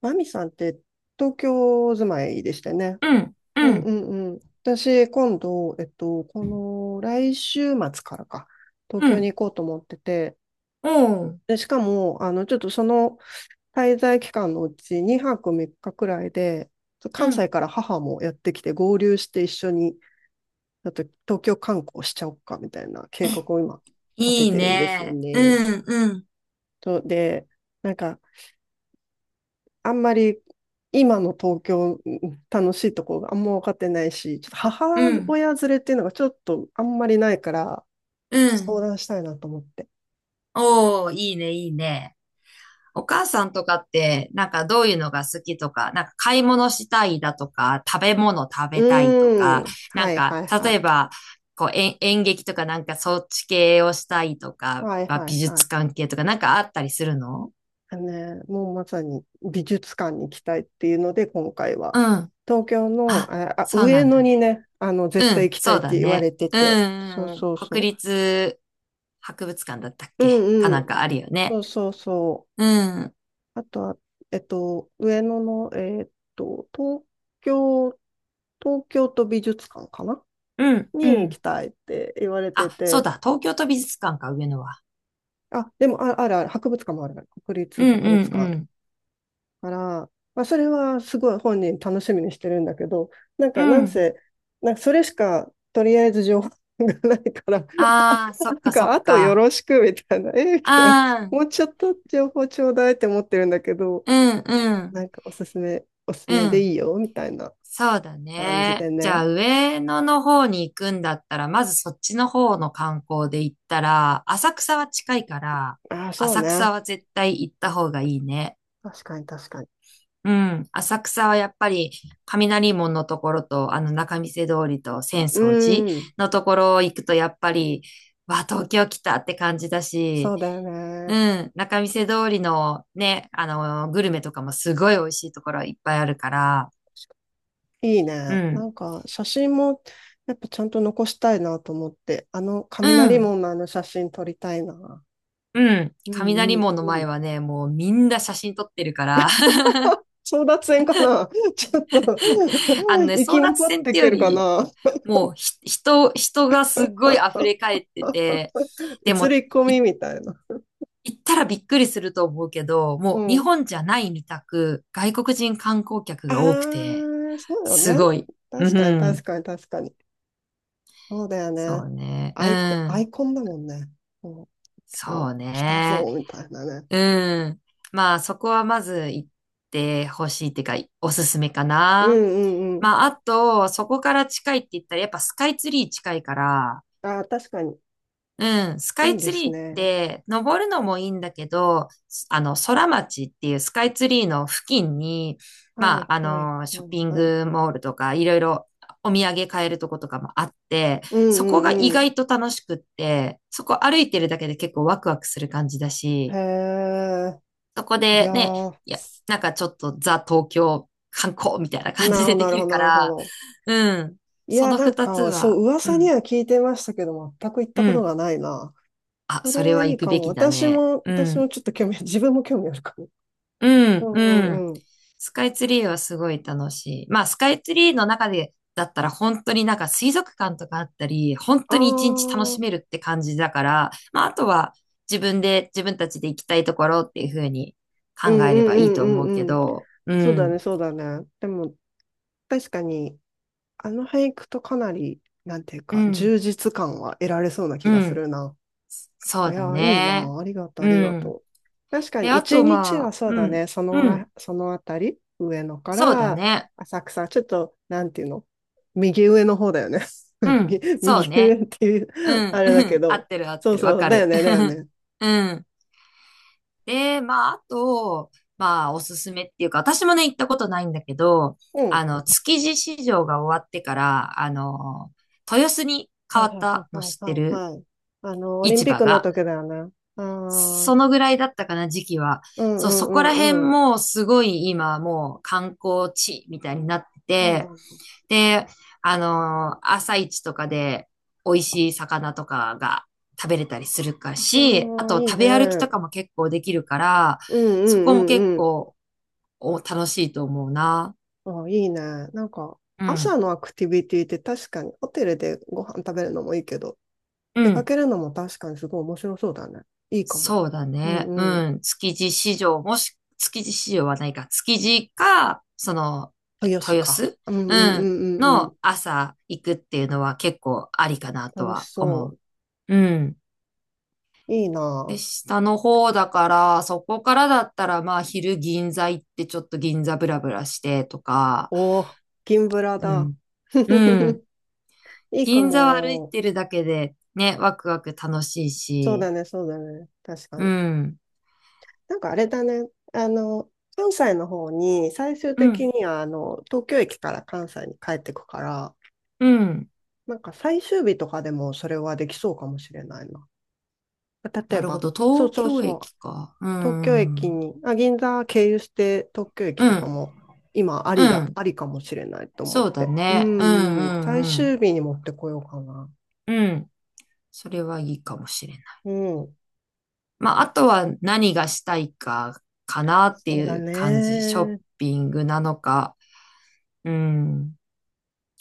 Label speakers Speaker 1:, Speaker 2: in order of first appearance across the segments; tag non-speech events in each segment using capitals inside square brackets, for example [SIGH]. Speaker 1: マミさんって東京住まいでしたよね。
Speaker 2: うん、
Speaker 1: う
Speaker 2: う
Speaker 1: んう
Speaker 2: ん、
Speaker 1: んうん。私、今度、この来週末からか、東
Speaker 2: う
Speaker 1: 京
Speaker 2: ん。
Speaker 1: に行こうと思ってて、
Speaker 2: おう。
Speaker 1: で、しかも、ちょっとその滞在期間のうち2泊3日くらいで、
Speaker 2: う
Speaker 1: 関西
Speaker 2: ん。
Speaker 1: から母もやってきて合流して一緒に、ちょっと東京観光しちゃおっかみたいな計
Speaker 2: え、
Speaker 1: 画を今立て
Speaker 2: いい
Speaker 1: てるんですよ
Speaker 2: ね。う
Speaker 1: ね。
Speaker 2: ん、うん、
Speaker 1: とで、なんかあんまり今の東京楽しいとこがあんま分かってないし、ちょっと母
Speaker 2: うん、
Speaker 1: 親連れっていうのがちょっとあんまりないから、
Speaker 2: う
Speaker 1: 相
Speaker 2: ん。
Speaker 1: 談したいなと思って。
Speaker 2: おー、いいね、いいね。お母さんとかって、なんかどういうのが好きとか、なんか買い物したいだとか、食べ物食
Speaker 1: う
Speaker 2: べたいとか、
Speaker 1: ーん。
Speaker 2: な
Speaker 1: は
Speaker 2: ん
Speaker 1: い
Speaker 2: か、
Speaker 1: はいは
Speaker 2: 例
Speaker 1: い。
Speaker 2: えば、こう、演劇とかなんかそっち系をしたいとか、
Speaker 1: はい
Speaker 2: まあ
Speaker 1: は
Speaker 2: 美
Speaker 1: いは
Speaker 2: 術
Speaker 1: い。
Speaker 2: 関係とかなんかあったりするの？
Speaker 1: あのね、もうまさに美術館に行きたいっていうので、今回は。
Speaker 2: うん。
Speaker 1: 東京の、
Speaker 2: あ、そうな
Speaker 1: 上
Speaker 2: ん
Speaker 1: 野
Speaker 2: だね。
Speaker 1: にね、
Speaker 2: う
Speaker 1: 絶対
Speaker 2: ん、
Speaker 1: 行きた
Speaker 2: そ
Speaker 1: いっ
Speaker 2: うだ
Speaker 1: て言われ
Speaker 2: ね。
Speaker 1: て
Speaker 2: う
Speaker 1: て。そう
Speaker 2: ん、うん、
Speaker 1: そうそ
Speaker 2: 国立博物館だったっ
Speaker 1: う。う
Speaker 2: けか
Speaker 1: んう
Speaker 2: なん
Speaker 1: ん。
Speaker 2: かあるよね。
Speaker 1: そうそうそう。
Speaker 2: うん、
Speaker 1: あとは、上野の、と、東京、東京都美術館かな
Speaker 2: うん、う
Speaker 1: に行き
Speaker 2: ん。
Speaker 1: たいって言われて
Speaker 2: あ、そう
Speaker 1: て、
Speaker 2: だ、東京都美術館か、上野は。
Speaker 1: あ、でも、あ、あるある、博物館もある、国
Speaker 2: う
Speaker 1: 立
Speaker 2: ん、
Speaker 1: 博物館あ
Speaker 2: う
Speaker 1: る
Speaker 2: ん、
Speaker 1: から、まあ、それはすごい本人楽しみにしてるんだけど、なん
Speaker 2: う
Speaker 1: か、な
Speaker 2: ん。う
Speaker 1: ん
Speaker 2: ん。
Speaker 1: せ、なんかそれしか、とりあえず情報がないから、
Speaker 2: ああ、そ
Speaker 1: な
Speaker 2: っ
Speaker 1: ん
Speaker 2: か、そ
Speaker 1: か、
Speaker 2: っ
Speaker 1: あとよ
Speaker 2: か。
Speaker 1: ろしくみたいな、みたいな、
Speaker 2: ああ、
Speaker 1: もうちょっと情報ちょうだいって思ってるんだけど、
Speaker 2: うん、うん、
Speaker 1: なんかおすす
Speaker 2: う
Speaker 1: めでい
Speaker 2: ん。
Speaker 1: いよみたいな。
Speaker 2: そうだ
Speaker 1: 感じ
Speaker 2: ね。
Speaker 1: で
Speaker 2: じゃ
Speaker 1: ね。
Speaker 2: あ、上野の方に行くんだったら、まずそっちの方の観光で行ったら、浅草は近いから、
Speaker 1: ああ、そう
Speaker 2: 浅
Speaker 1: ね。
Speaker 2: 草は絶対行った方がいいね。
Speaker 1: 確かに確かに。
Speaker 2: うん。浅草はやっぱり、雷門のところと、あの仲見世通りと浅
Speaker 1: う
Speaker 2: 草寺
Speaker 1: ん。
Speaker 2: のところ行くと、やっぱり、わあ、東京来たって感じだ
Speaker 1: そ
Speaker 2: し、
Speaker 1: うだよ
Speaker 2: う
Speaker 1: ね。
Speaker 2: ん、仲見世通りのね、あの、グルメとかもすごい美味しいところいっぱいあるから、
Speaker 1: いい
Speaker 2: う
Speaker 1: ね。な
Speaker 2: ん、
Speaker 1: んか写真もやっぱちゃんと残したいなと思って、あの
Speaker 2: う
Speaker 1: 雷
Speaker 2: ん、
Speaker 1: 門の写真撮りたいな。
Speaker 2: うん。
Speaker 1: うんう
Speaker 2: 雷
Speaker 1: ん
Speaker 2: 門の
Speaker 1: う
Speaker 2: 前
Speaker 1: ん。
Speaker 2: はね、もうみんな写真撮ってるから、
Speaker 1: 争奪戦かな [LAUGHS] ちょっと
Speaker 2: [LAUGHS] あの
Speaker 1: [LAUGHS]
Speaker 2: ね、
Speaker 1: 生
Speaker 2: 争
Speaker 1: き
Speaker 2: 奪
Speaker 1: 残っ
Speaker 2: 戦っ
Speaker 1: てい
Speaker 2: て
Speaker 1: け
Speaker 2: よ
Speaker 1: るか
Speaker 2: り、
Speaker 1: な
Speaker 2: もう人がすっごい溢れ
Speaker 1: [LAUGHS]
Speaker 2: 返ってて、で
Speaker 1: 映
Speaker 2: も、
Speaker 1: り込みみたいな。
Speaker 2: 行ったらびっくりすると思うけど、も
Speaker 1: う
Speaker 2: う日
Speaker 1: ん。
Speaker 2: 本じゃないみたく、外国人観光客が多く
Speaker 1: あ
Speaker 2: て、
Speaker 1: あ、そうよ
Speaker 2: す
Speaker 1: ね。
Speaker 2: ごい。う
Speaker 1: 確かに確
Speaker 2: ん。
Speaker 1: かに確かに。そうだよ
Speaker 2: そ
Speaker 1: ね。
Speaker 2: うね。う
Speaker 1: アイコン、ア
Speaker 2: ん。
Speaker 1: イコンだもんね。もう今日
Speaker 2: そう
Speaker 1: 来た
Speaker 2: ね。
Speaker 1: ぞ、みたいなね。
Speaker 2: うん。まあ、そこはまず行ってほしいっていうか、おすすめか
Speaker 1: う
Speaker 2: な。
Speaker 1: んうんうん。
Speaker 2: まあ、あと、そこから近いって言ったら、やっぱスカイツリー近いから、
Speaker 1: ああ、確かに。
Speaker 2: うん、スカ
Speaker 1: い
Speaker 2: イ
Speaker 1: いで
Speaker 2: ツ
Speaker 1: す
Speaker 2: リーっ
Speaker 1: ね。
Speaker 2: て、登るのもいいんだけど、あの、空町っていうスカイツリーの付近に、
Speaker 1: は
Speaker 2: ま
Speaker 1: い
Speaker 2: あ、あ
Speaker 1: はい
Speaker 2: の、シ
Speaker 1: は
Speaker 2: ョッ
Speaker 1: い
Speaker 2: ピン
Speaker 1: はい。
Speaker 2: グモールとか、いろいろお土産買えるとことかもあって、
Speaker 1: うん
Speaker 2: そこ
Speaker 1: う
Speaker 2: が意
Speaker 1: んうん。
Speaker 2: 外と楽しくって、そこ歩いてるだけで結構ワクワクする感じだ
Speaker 1: へ
Speaker 2: し、
Speaker 1: え。
Speaker 2: そこ
Speaker 1: い
Speaker 2: で
Speaker 1: や
Speaker 2: ね、
Speaker 1: ー、
Speaker 2: いや、なんかちょっとザ東京観光みたいな感
Speaker 1: な
Speaker 2: じ
Speaker 1: るほ
Speaker 2: で
Speaker 1: ど
Speaker 2: で
Speaker 1: なる
Speaker 2: き
Speaker 1: ほ
Speaker 2: る
Speaker 1: ど
Speaker 2: か
Speaker 1: なるほ
Speaker 2: ら、
Speaker 1: ど。
Speaker 2: うん、
Speaker 1: い
Speaker 2: そ
Speaker 1: や、
Speaker 2: の
Speaker 1: なん
Speaker 2: 二つ
Speaker 1: か、そ
Speaker 2: は、
Speaker 1: う、
Speaker 2: う
Speaker 1: 噂に
Speaker 2: ん、
Speaker 1: は聞いてましたけど、全く行っ
Speaker 2: う
Speaker 1: たこと
Speaker 2: ん、
Speaker 1: がないな。
Speaker 2: あ、
Speaker 1: そ
Speaker 2: そ
Speaker 1: れ
Speaker 2: れ
Speaker 1: は
Speaker 2: は
Speaker 1: い
Speaker 2: 行
Speaker 1: い
Speaker 2: く
Speaker 1: か
Speaker 2: べ
Speaker 1: も。
Speaker 2: きだね。う
Speaker 1: 私
Speaker 2: ん。
Speaker 1: もちょっと自分も興味あるかも。
Speaker 2: う
Speaker 1: う
Speaker 2: ん、う
Speaker 1: んう
Speaker 2: ん。
Speaker 1: んうん。
Speaker 2: スカイツリーはすごい楽しい。まあ、スカイツリーの中で、だったら本当になんか水族館とかあったり、本
Speaker 1: あ
Speaker 2: 当に一日楽
Speaker 1: あ、
Speaker 2: しめるって感じだから、まあ、あとは自分で、自分たちで行きたいところっていうふうに
Speaker 1: うん
Speaker 2: 考え
Speaker 1: う
Speaker 2: れ
Speaker 1: ん
Speaker 2: ばいいと思
Speaker 1: うんう
Speaker 2: うけ
Speaker 1: んうん。
Speaker 2: ど、う
Speaker 1: そうだね、
Speaker 2: ん、
Speaker 1: そうだね。でも、確かに、あの俳句とかなり、なんていう
Speaker 2: う
Speaker 1: か、
Speaker 2: ん、
Speaker 1: 充実感は得られそうな
Speaker 2: う
Speaker 1: 気がす
Speaker 2: ん、
Speaker 1: るな。
Speaker 2: そ
Speaker 1: い
Speaker 2: うだ
Speaker 1: やー、いい
Speaker 2: ね。
Speaker 1: な。ありがとう、あ
Speaker 2: う
Speaker 1: りが
Speaker 2: ん。
Speaker 1: とう。確か
Speaker 2: で、
Speaker 1: に、
Speaker 2: あ
Speaker 1: 一
Speaker 2: と
Speaker 1: 日
Speaker 2: ま
Speaker 1: は
Speaker 2: あ、
Speaker 1: そう
Speaker 2: う
Speaker 1: だ
Speaker 2: ん、
Speaker 1: ね、その
Speaker 2: うん、
Speaker 1: ら、そのあたり、上野か
Speaker 2: そうだ
Speaker 1: ら
Speaker 2: ね。
Speaker 1: 浅草、ちょっと、なんていうの、右上の方だよね。[LAUGHS]
Speaker 2: うん、そう
Speaker 1: 右上
Speaker 2: ね。
Speaker 1: っていう
Speaker 2: うん、
Speaker 1: あ
Speaker 2: う
Speaker 1: れだけ
Speaker 2: ん、合っ
Speaker 1: ど、
Speaker 2: てる合っ
Speaker 1: そ
Speaker 2: て
Speaker 1: う
Speaker 2: る、わ
Speaker 1: そう、
Speaker 2: か
Speaker 1: だよ
Speaker 2: る。
Speaker 1: ね、だよ
Speaker 2: [LAUGHS]
Speaker 1: ね。
Speaker 2: うん。で、まあ、あと、まあ、おすすめっていうか、私もね、行ったことないんだけど、
Speaker 1: うん。
Speaker 2: あの、築地市場が終わってから、あの、豊洲に
Speaker 1: は
Speaker 2: 変
Speaker 1: い
Speaker 2: わっ
Speaker 1: はいはい
Speaker 2: たの
Speaker 1: はい
Speaker 2: 知って
Speaker 1: は
Speaker 2: る？
Speaker 1: いはい。オリン
Speaker 2: 市
Speaker 1: ピッ
Speaker 2: 場
Speaker 1: クの
Speaker 2: が。
Speaker 1: 時だよね。ああ。
Speaker 2: そのぐらいだったかな、時期は。
Speaker 1: うんう
Speaker 2: そう、そこ
Speaker 1: ん
Speaker 2: ら
Speaker 1: う
Speaker 2: 辺
Speaker 1: んうん。
Speaker 2: もすごい今もう観光地みたいになっ
Speaker 1: そうな
Speaker 2: てて、
Speaker 1: んだ。
Speaker 2: で、朝市とかで美味しい魚とかが食べれたりするかし、あ
Speaker 1: ああ、
Speaker 2: と
Speaker 1: いい
Speaker 2: 食
Speaker 1: ね。
Speaker 2: べ歩きと
Speaker 1: う
Speaker 2: か
Speaker 1: ん
Speaker 2: も結構できるから、
Speaker 1: うんう
Speaker 2: そこも結
Speaker 1: んうん。
Speaker 2: 構お楽しいと思うな。
Speaker 1: ああ、いいね。なんか、
Speaker 2: う
Speaker 1: 朝
Speaker 2: ん。
Speaker 1: のアクティビティって確かに、ホテルでご飯食べるのもいいけど、
Speaker 2: う
Speaker 1: 出か
Speaker 2: ん。
Speaker 1: けるのも確かにすごい面白そうだね。いいかも。
Speaker 2: そうだ
Speaker 1: う
Speaker 2: ね。
Speaker 1: んうん。
Speaker 2: うん。築地市場、もし、築地市場はないか。築地か、その、
Speaker 1: 豊洲
Speaker 2: 豊
Speaker 1: か。
Speaker 2: 洲、
Speaker 1: うんう
Speaker 2: う
Speaker 1: んう
Speaker 2: ん、
Speaker 1: んうんうん。
Speaker 2: の朝行くっていうのは結構ありかなと
Speaker 1: 楽し
Speaker 2: は思
Speaker 1: そ
Speaker 2: う。うん。
Speaker 1: う。いい
Speaker 2: で、
Speaker 1: な。
Speaker 2: 下の方だから、そこからだったら、まあ、昼銀座行ってちょっと銀座ブラブラしてとか、
Speaker 1: おお、銀ブラ
Speaker 2: う
Speaker 1: だ。
Speaker 2: ん。うん。
Speaker 1: [LAUGHS] いいか
Speaker 2: 銀座を歩い
Speaker 1: も。
Speaker 2: てるだけで、ね、ワクワク楽しい
Speaker 1: そうだ
Speaker 2: し、
Speaker 1: ね、そうだね。確か
Speaker 2: う
Speaker 1: に。
Speaker 2: ん。
Speaker 1: なんかあれだね、あの、関西の方に、最終
Speaker 2: う
Speaker 1: 的
Speaker 2: ん。
Speaker 1: には、東京駅から関西に帰ってくから、
Speaker 2: うん。
Speaker 1: なんか最終日とかでもそれはできそうかもしれないな。例
Speaker 2: な
Speaker 1: え
Speaker 2: るほ
Speaker 1: ば、
Speaker 2: ど。
Speaker 1: そう
Speaker 2: 東
Speaker 1: そう
Speaker 2: 京
Speaker 1: そう、
Speaker 2: 駅か。う
Speaker 1: 東
Speaker 2: ん。う
Speaker 1: 京駅
Speaker 2: ん。
Speaker 1: に、あ、銀座経由して東京駅とかも、今あ
Speaker 2: う
Speaker 1: りだ、
Speaker 2: ん。
Speaker 1: ありかもしれないと思っ
Speaker 2: そうだ
Speaker 1: て。う
Speaker 2: ね。うん
Speaker 1: んうん、
Speaker 2: う
Speaker 1: 最
Speaker 2: んうん。
Speaker 1: 終日に持ってこようかな。
Speaker 2: うん。それはいいかもしれない。
Speaker 1: うん、
Speaker 2: まあ、あとは何がしたいかかなっ
Speaker 1: そ
Speaker 2: てい
Speaker 1: うだ
Speaker 2: う感じ。ショッ
Speaker 1: ね。
Speaker 2: ピングなのか、うん。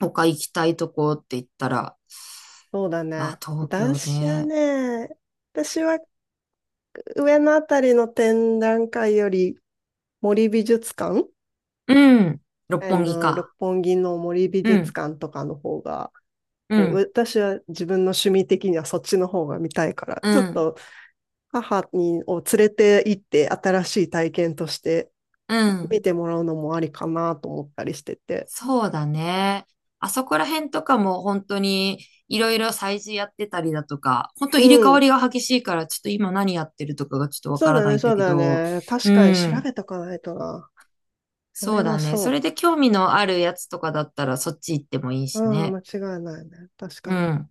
Speaker 2: 他行きたいとこって言ったら、
Speaker 1: そうだ
Speaker 2: ま
Speaker 1: ね。
Speaker 2: あ、東京ね。
Speaker 1: 私は上のあたりの展覧会より森美術館
Speaker 2: うん。六
Speaker 1: あ
Speaker 2: 本木
Speaker 1: の、六
Speaker 2: か。
Speaker 1: 本木の森美
Speaker 2: う
Speaker 1: 術
Speaker 2: ん。
Speaker 1: 館とかの方が、
Speaker 2: う
Speaker 1: こう、
Speaker 2: ん。
Speaker 1: 私は自分の趣味的にはそっちの方が見たいから、
Speaker 2: う
Speaker 1: ちょっ
Speaker 2: ん。
Speaker 1: と母にを連れて行って新しい体験として
Speaker 2: う
Speaker 1: 見
Speaker 2: ん。
Speaker 1: てもらうのもありかなと思ったりしてて。
Speaker 2: そうだね。あそこら辺とかも本当にいろいろ催事やってたりだとか、本当
Speaker 1: う
Speaker 2: 入れ替わ
Speaker 1: ん。
Speaker 2: りが激しいからちょっと今何やってるとかがちょっとわ
Speaker 1: そ
Speaker 2: か
Speaker 1: う
Speaker 2: ら
Speaker 1: だ
Speaker 2: な
Speaker 1: ね、
Speaker 2: いんだ
Speaker 1: そう
Speaker 2: け
Speaker 1: だ
Speaker 2: ど、
Speaker 1: ね。確
Speaker 2: う
Speaker 1: かに調
Speaker 2: ん。
Speaker 1: べとかないとな。そ
Speaker 2: そ
Speaker 1: れ
Speaker 2: う
Speaker 1: は
Speaker 2: だね。そ
Speaker 1: そ
Speaker 2: れで興味のあるやつとかだったらそっち行ってもいい
Speaker 1: う。
Speaker 2: し
Speaker 1: うん、
Speaker 2: ね。
Speaker 1: 間違いないね。確
Speaker 2: う
Speaker 1: かに。
Speaker 2: ん。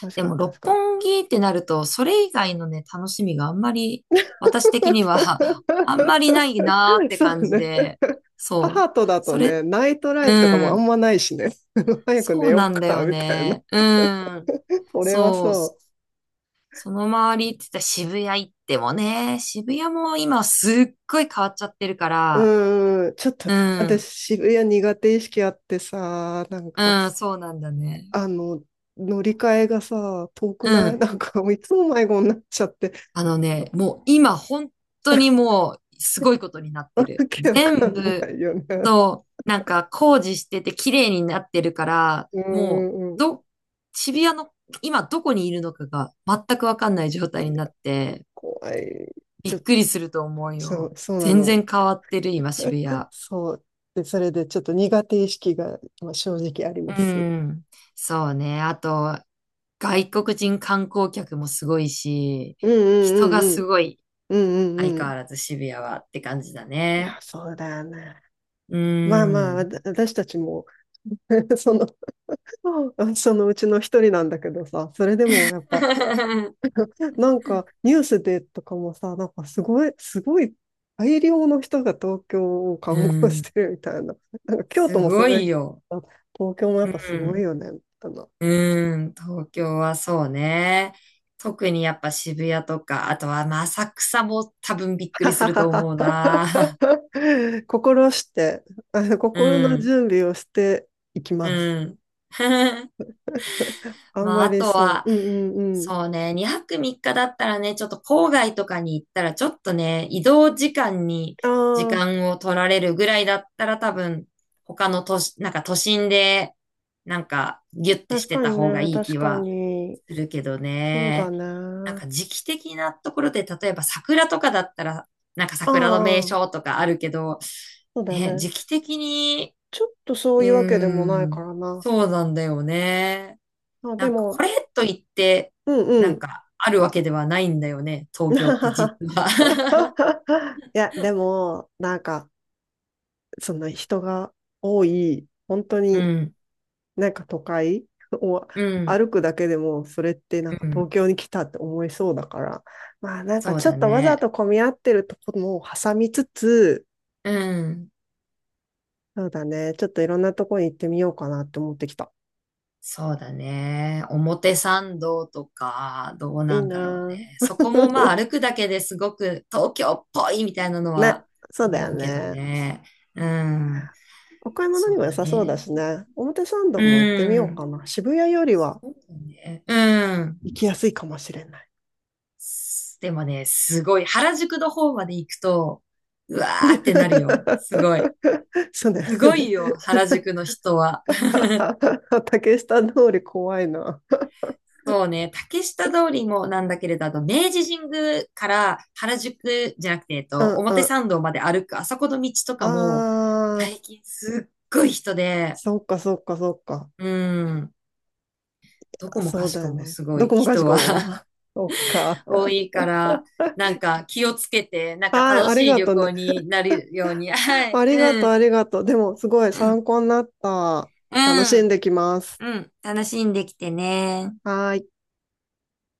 Speaker 1: 確
Speaker 2: で
Speaker 1: か
Speaker 2: も
Speaker 1: に、
Speaker 2: 六
Speaker 1: 確かに。
Speaker 2: 本木ってなると、それ以外のね、楽しみがあんまり、私的には [LAUGHS] あんま
Speaker 1: [LAUGHS]
Speaker 2: りないなーっ
Speaker 1: [LAUGHS]
Speaker 2: て
Speaker 1: そう
Speaker 2: 感じ
Speaker 1: ね。
Speaker 2: で、
Speaker 1: [LAUGHS]
Speaker 2: そう。
Speaker 1: 母とだと
Speaker 2: そ
Speaker 1: ね、
Speaker 2: れ、
Speaker 1: ナイトライ
Speaker 2: う
Speaker 1: フとかもあ
Speaker 2: ん。
Speaker 1: んまないしね。[LAUGHS] 早く
Speaker 2: そ
Speaker 1: 寝
Speaker 2: う
Speaker 1: よ
Speaker 2: な
Speaker 1: っ
Speaker 2: んだ
Speaker 1: か、
Speaker 2: よ
Speaker 1: みたいな。
Speaker 2: ね。うん。
Speaker 1: 俺は
Speaker 2: そう。
Speaker 1: そ
Speaker 2: その周りって言ったら渋谷行ってもね、渋谷も今すっごい変わっちゃってるか
Speaker 1: う。
Speaker 2: ら、
Speaker 1: うーん、ちょっと、
Speaker 2: うん。
Speaker 1: 私、渋谷苦手意識あってさ、なん
Speaker 2: う
Speaker 1: か、
Speaker 2: ん、そうなんだね。
Speaker 1: あの、乗り換えがさ、遠く
Speaker 2: う
Speaker 1: ない [LAUGHS]
Speaker 2: ん。
Speaker 1: なんか、いつも迷子になっちゃって、
Speaker 2: あの
Speaker 1: なん
Speaker 2: ね、
Speaker 1: か、
Speaker 2: もう今本当にもうすごいことになっ
Speaker 1: わ
Speaker 2: てる。
Speaker 1: けわか
Speaker 2: 全
Speaker 1: ん
Speaker 2: 部
Speaker 1: ないよね。
Speaker 2: となんか工事してて綺麗になってるから、
Speaker 1: う
Speaker 2: もう
Speaker 1: ーん、
Speaker 2: ど、渋谷の今どこにいるのかが全くわかんない状態になって、
Speaker 1: 怖い。
Speaker 2: び
Speaker 1: ち
Speaker 2: っ
Speaker 1: ょ、
Speaker 2: くりすると思うよ。
Speaker 1: そうな
Speaker 2: 全
Speaker 1: の。
Speaker 2: 然変わってる、今、渋谷。
Speaker 1: そう。で、それでちょっと苦手意識がまあ正直あり
Speaker 2: う
Speaker 1: ます。
Speaker 2: ん。そうね。あと、外国人観光客もすごいし、
Speaker 1: うん
Speaker 2: 人が
Speaker 1: うんうんう
Speaker 2: す
Speaker 1: ん。
Speaker 2: ごい、
Speaker 1: うんう
Speaker 2: 相
Speaker 1: んう
Speaker 2: 変
Speaker 1: ん。
Speaker 2: わらず渋谷はって感じだ
Speaker 1: いや、
Speaker 2: ね。
Speaker 1: そうだな。
Speaker 2: う
Speaker 1: まあまあ、
Speaker 2: ん。
Speaker 1: 私たちも [LAUGHS] その、そのうちの一人なんだけどさ、それでもやっぱ、
Speaker 2: [LAUGHS]
Speaker 1: なんかニュースでとかもさ、なんかすごい大量の人が東京を
Speaker 2: う
Speaker 1: 観光して
Speaker 2: ん。
Speaker 1: るみたいな。なんか京都
Speaker 2: す
Speaker 1: もす
Speaker 2: ご
Speaker 1: ごいけ
Speaker 2: いよ。
Speaker 1: ど、東京もやっ
Speaker 2: う
Speaker 1: ぱすごい
Speaker 2: ん。
Speaker 1: よね、みたいな。
Speaker 2: うん。東京はそうね。特にやっぱ渋谷とか、あとはまあ浅草も多分びっくりすると思うな。
Speaker 1: [LAUGHS] 心して、
Speaker 2: [LAUGHS] う
Speaker 1: 心の
Speaker 2: ん。
Speaker 1: 準備をしていきます。
Speaker 2: うん。[LAUGHS]
Speaker 1: あん
Speaker 2: まあ、
Speaker 1: ま
Speaker 2: あ
Speaker 1: り
Speaker 2: と
Speaker 1: そ
Speaker 2: は、
Speaker 1: う。うんうんうん。
Speaker 2: そうね、2泊3日だったらね、ちょっと郊外とかに行ったら、ちょっとね、移動時間に
Speaker 1: あ
Speaker 2: 時
Speaker 1: あ、
Speaker 2: 間を取られるぐらいだったら、多分、他の都市、なんか都心で、なんか、ギュッてし
Speaker 1: 確
Speaker 2: て
Speaker 1: か
Speaker 2: た
Speaker 1: に
Speaker 2: 方が
Speaker 1: ね、
Speaker 2: いい気
Speaker 1: 確か
Speaker 2: は
Speaker 1: に。
Speaker 2: するけど
Speaker 1: そうだ
Speaker 2: ね。なん
Speaker 1: ね。
Speaker 2: か時期的なところで、例えば桜とかだったら、なんか
Speaker 1: あ
Speaker 2: 桜の名
Speaker 1: あ、
Speaker 2: 所とかあるけど、
Speaker 1: そうだ
Speaker 2: ね、
Speaker 1: ね。
Speaker 2: 時期的に、
Speaker 1: ちょっとそ
Speaker 2: う
Speaker 1: ういうわけでもない
Speaker 2: ー
Speaker 1: か
Speaker 2: ん。
Speaker 1: らな。
Speaker 2: そうなんだよね。
Speaker 1: あ、
Speaker 2: な
Speaker 1: で
Speaker 2: んか、こ
Speaker 1: も、
Speaker 2: れといって、
Speaker 1: うんう
Speaker 2: なん
Speaker 1: ん。
Speaker 2: か、あるわけではないんだよね、東京って実
Speaker 1: [LAUGHS]
Speaker 2: は。
Speaker 1: いや、でも、なんか、その人が多い、本当
Speaker 2: [LAUGHS] う
Speaker 1: に
Speaker 2: ん、
Speaker 1: なんか都会を
Speaker 2: うん、
Speaker 1: 歩くだけでも、それってなんか
Speaker 2: う
Speaker 1: 東
Speaker 2: ん。
Speaker 1: 京に来たって思いそうだから、まあなんか
Speaker 2: そう
Speaker 1: ちょ
Speaker 2: だ
Speaker 1: っとわざ
Speaker 2: ね。
Speaker 1: と混み合ってるところも挟みつつ、
Speaker 2: うん。
Speaker 1: そうだね。ちょっといろんなとこに行ってみようかなって思ってきた。
Speaker 2: そうだね。表参道とか、どう
Speaker 1: いい
Speaker 2: なんだろう
Speaker 1: な
Speaker 2: ね。そこもまあ
Speaker 1: ぁ
Speaker 2: 歩くだけですごく東京っぽいみたいな
Speaker 1: [LAUGHS]
Speaker 2: の
Speaker 1: ね。
Speaker 2: は
Speaker 1: そうだ
Speaker 2: 思
Speaker 1: よ
Speaker 2: うけど
Speaker 1: ね。
Speaker 2: ね。うん。
Speaker 1: お買い物
Speaker 2: そ
Speaker 1: に
Speaker 2: う
Speaker 1: も良
Speaker 2: だ
Speaker 1: さそうだ
Speaker 2: ね。
Speaker 1: しね。表参道も行って
Speaker 2: う
Speaker 1: みよう
Speaker 2: ん。
Speaker 1: かな。渋谷よりは
Speaker 2: そうだね。う
Speaker 1: 行
Speaker 2: ん。
Speaker 1: きやすいかもしれない。
Speaker 2: すでもね、すごい。原宿の方まで行くと、うわーってなるよ。すごい。
Speaker 1: [LAUGHS] そうだよ
Speaker 2: すご
Speaker 1: ね。
Speaker 2: いよ、原宿の人は。
Speaker 1: [LAUGHS] 竹下通り怖いな。
Speaker 2: そうね、竹下通りもなんだけれど、あと明治神宮から原宿じゃなくて、
Speaker 1: うんう
Speaker 2: 表
Speaker 1: ん。
Speaker 2: 参道まで歩く、あそこの道と
Speaker 1: あ
Speaker 2: かも、
Speaker 1: あ、
Speaker 2: 最近すっごい人で、
Speaker 1: そっかそっかそっか。
Speaker 2: うん、どこも
Speaker 1: そ
Speaker 2: か
Speaker 1: う
Speaker 2: し
Speaker 1: だ
Speaker 2: こ
Speaker 1: よ
Speaker 2: も
Speaker 1: ね。
Speaker 2: すご
Speaker 1: ど
Speaker 2: い
Speaker 1: こもかし
Speaker 2: 人は
Speaker 1: こも。[LAUGHS] そっか。
Speaker 2: [LAUGHS] 多いから、なんか気をつけて、なんか
Speaker 1: はい、
Speaker 2: 楽
Speaker 1: あり
Speaker 2: しい
Speaker 1: が
Speaker 2: 旅
Speaker 1: とうね。
Speaker 2: 行になるように、は
Speaker 1: あ
Speaker 2: い、
Speaker 1: りが
Speaker 2: う
Speaker 1: とう、
Speaker 2: ん、
Speaker 1: ありがとう。でも、すごい
Speaker 2: う
Speaker 1: 参
Speaker 2: ん、
Speaker 1: 考になった。楽
Speaker 2: う
Speaker 1: しん
Speaker 2: ん。
Speaker 1: できます。
Speaker 2: うん、楽しんできてね。
Speaker 1: はーい。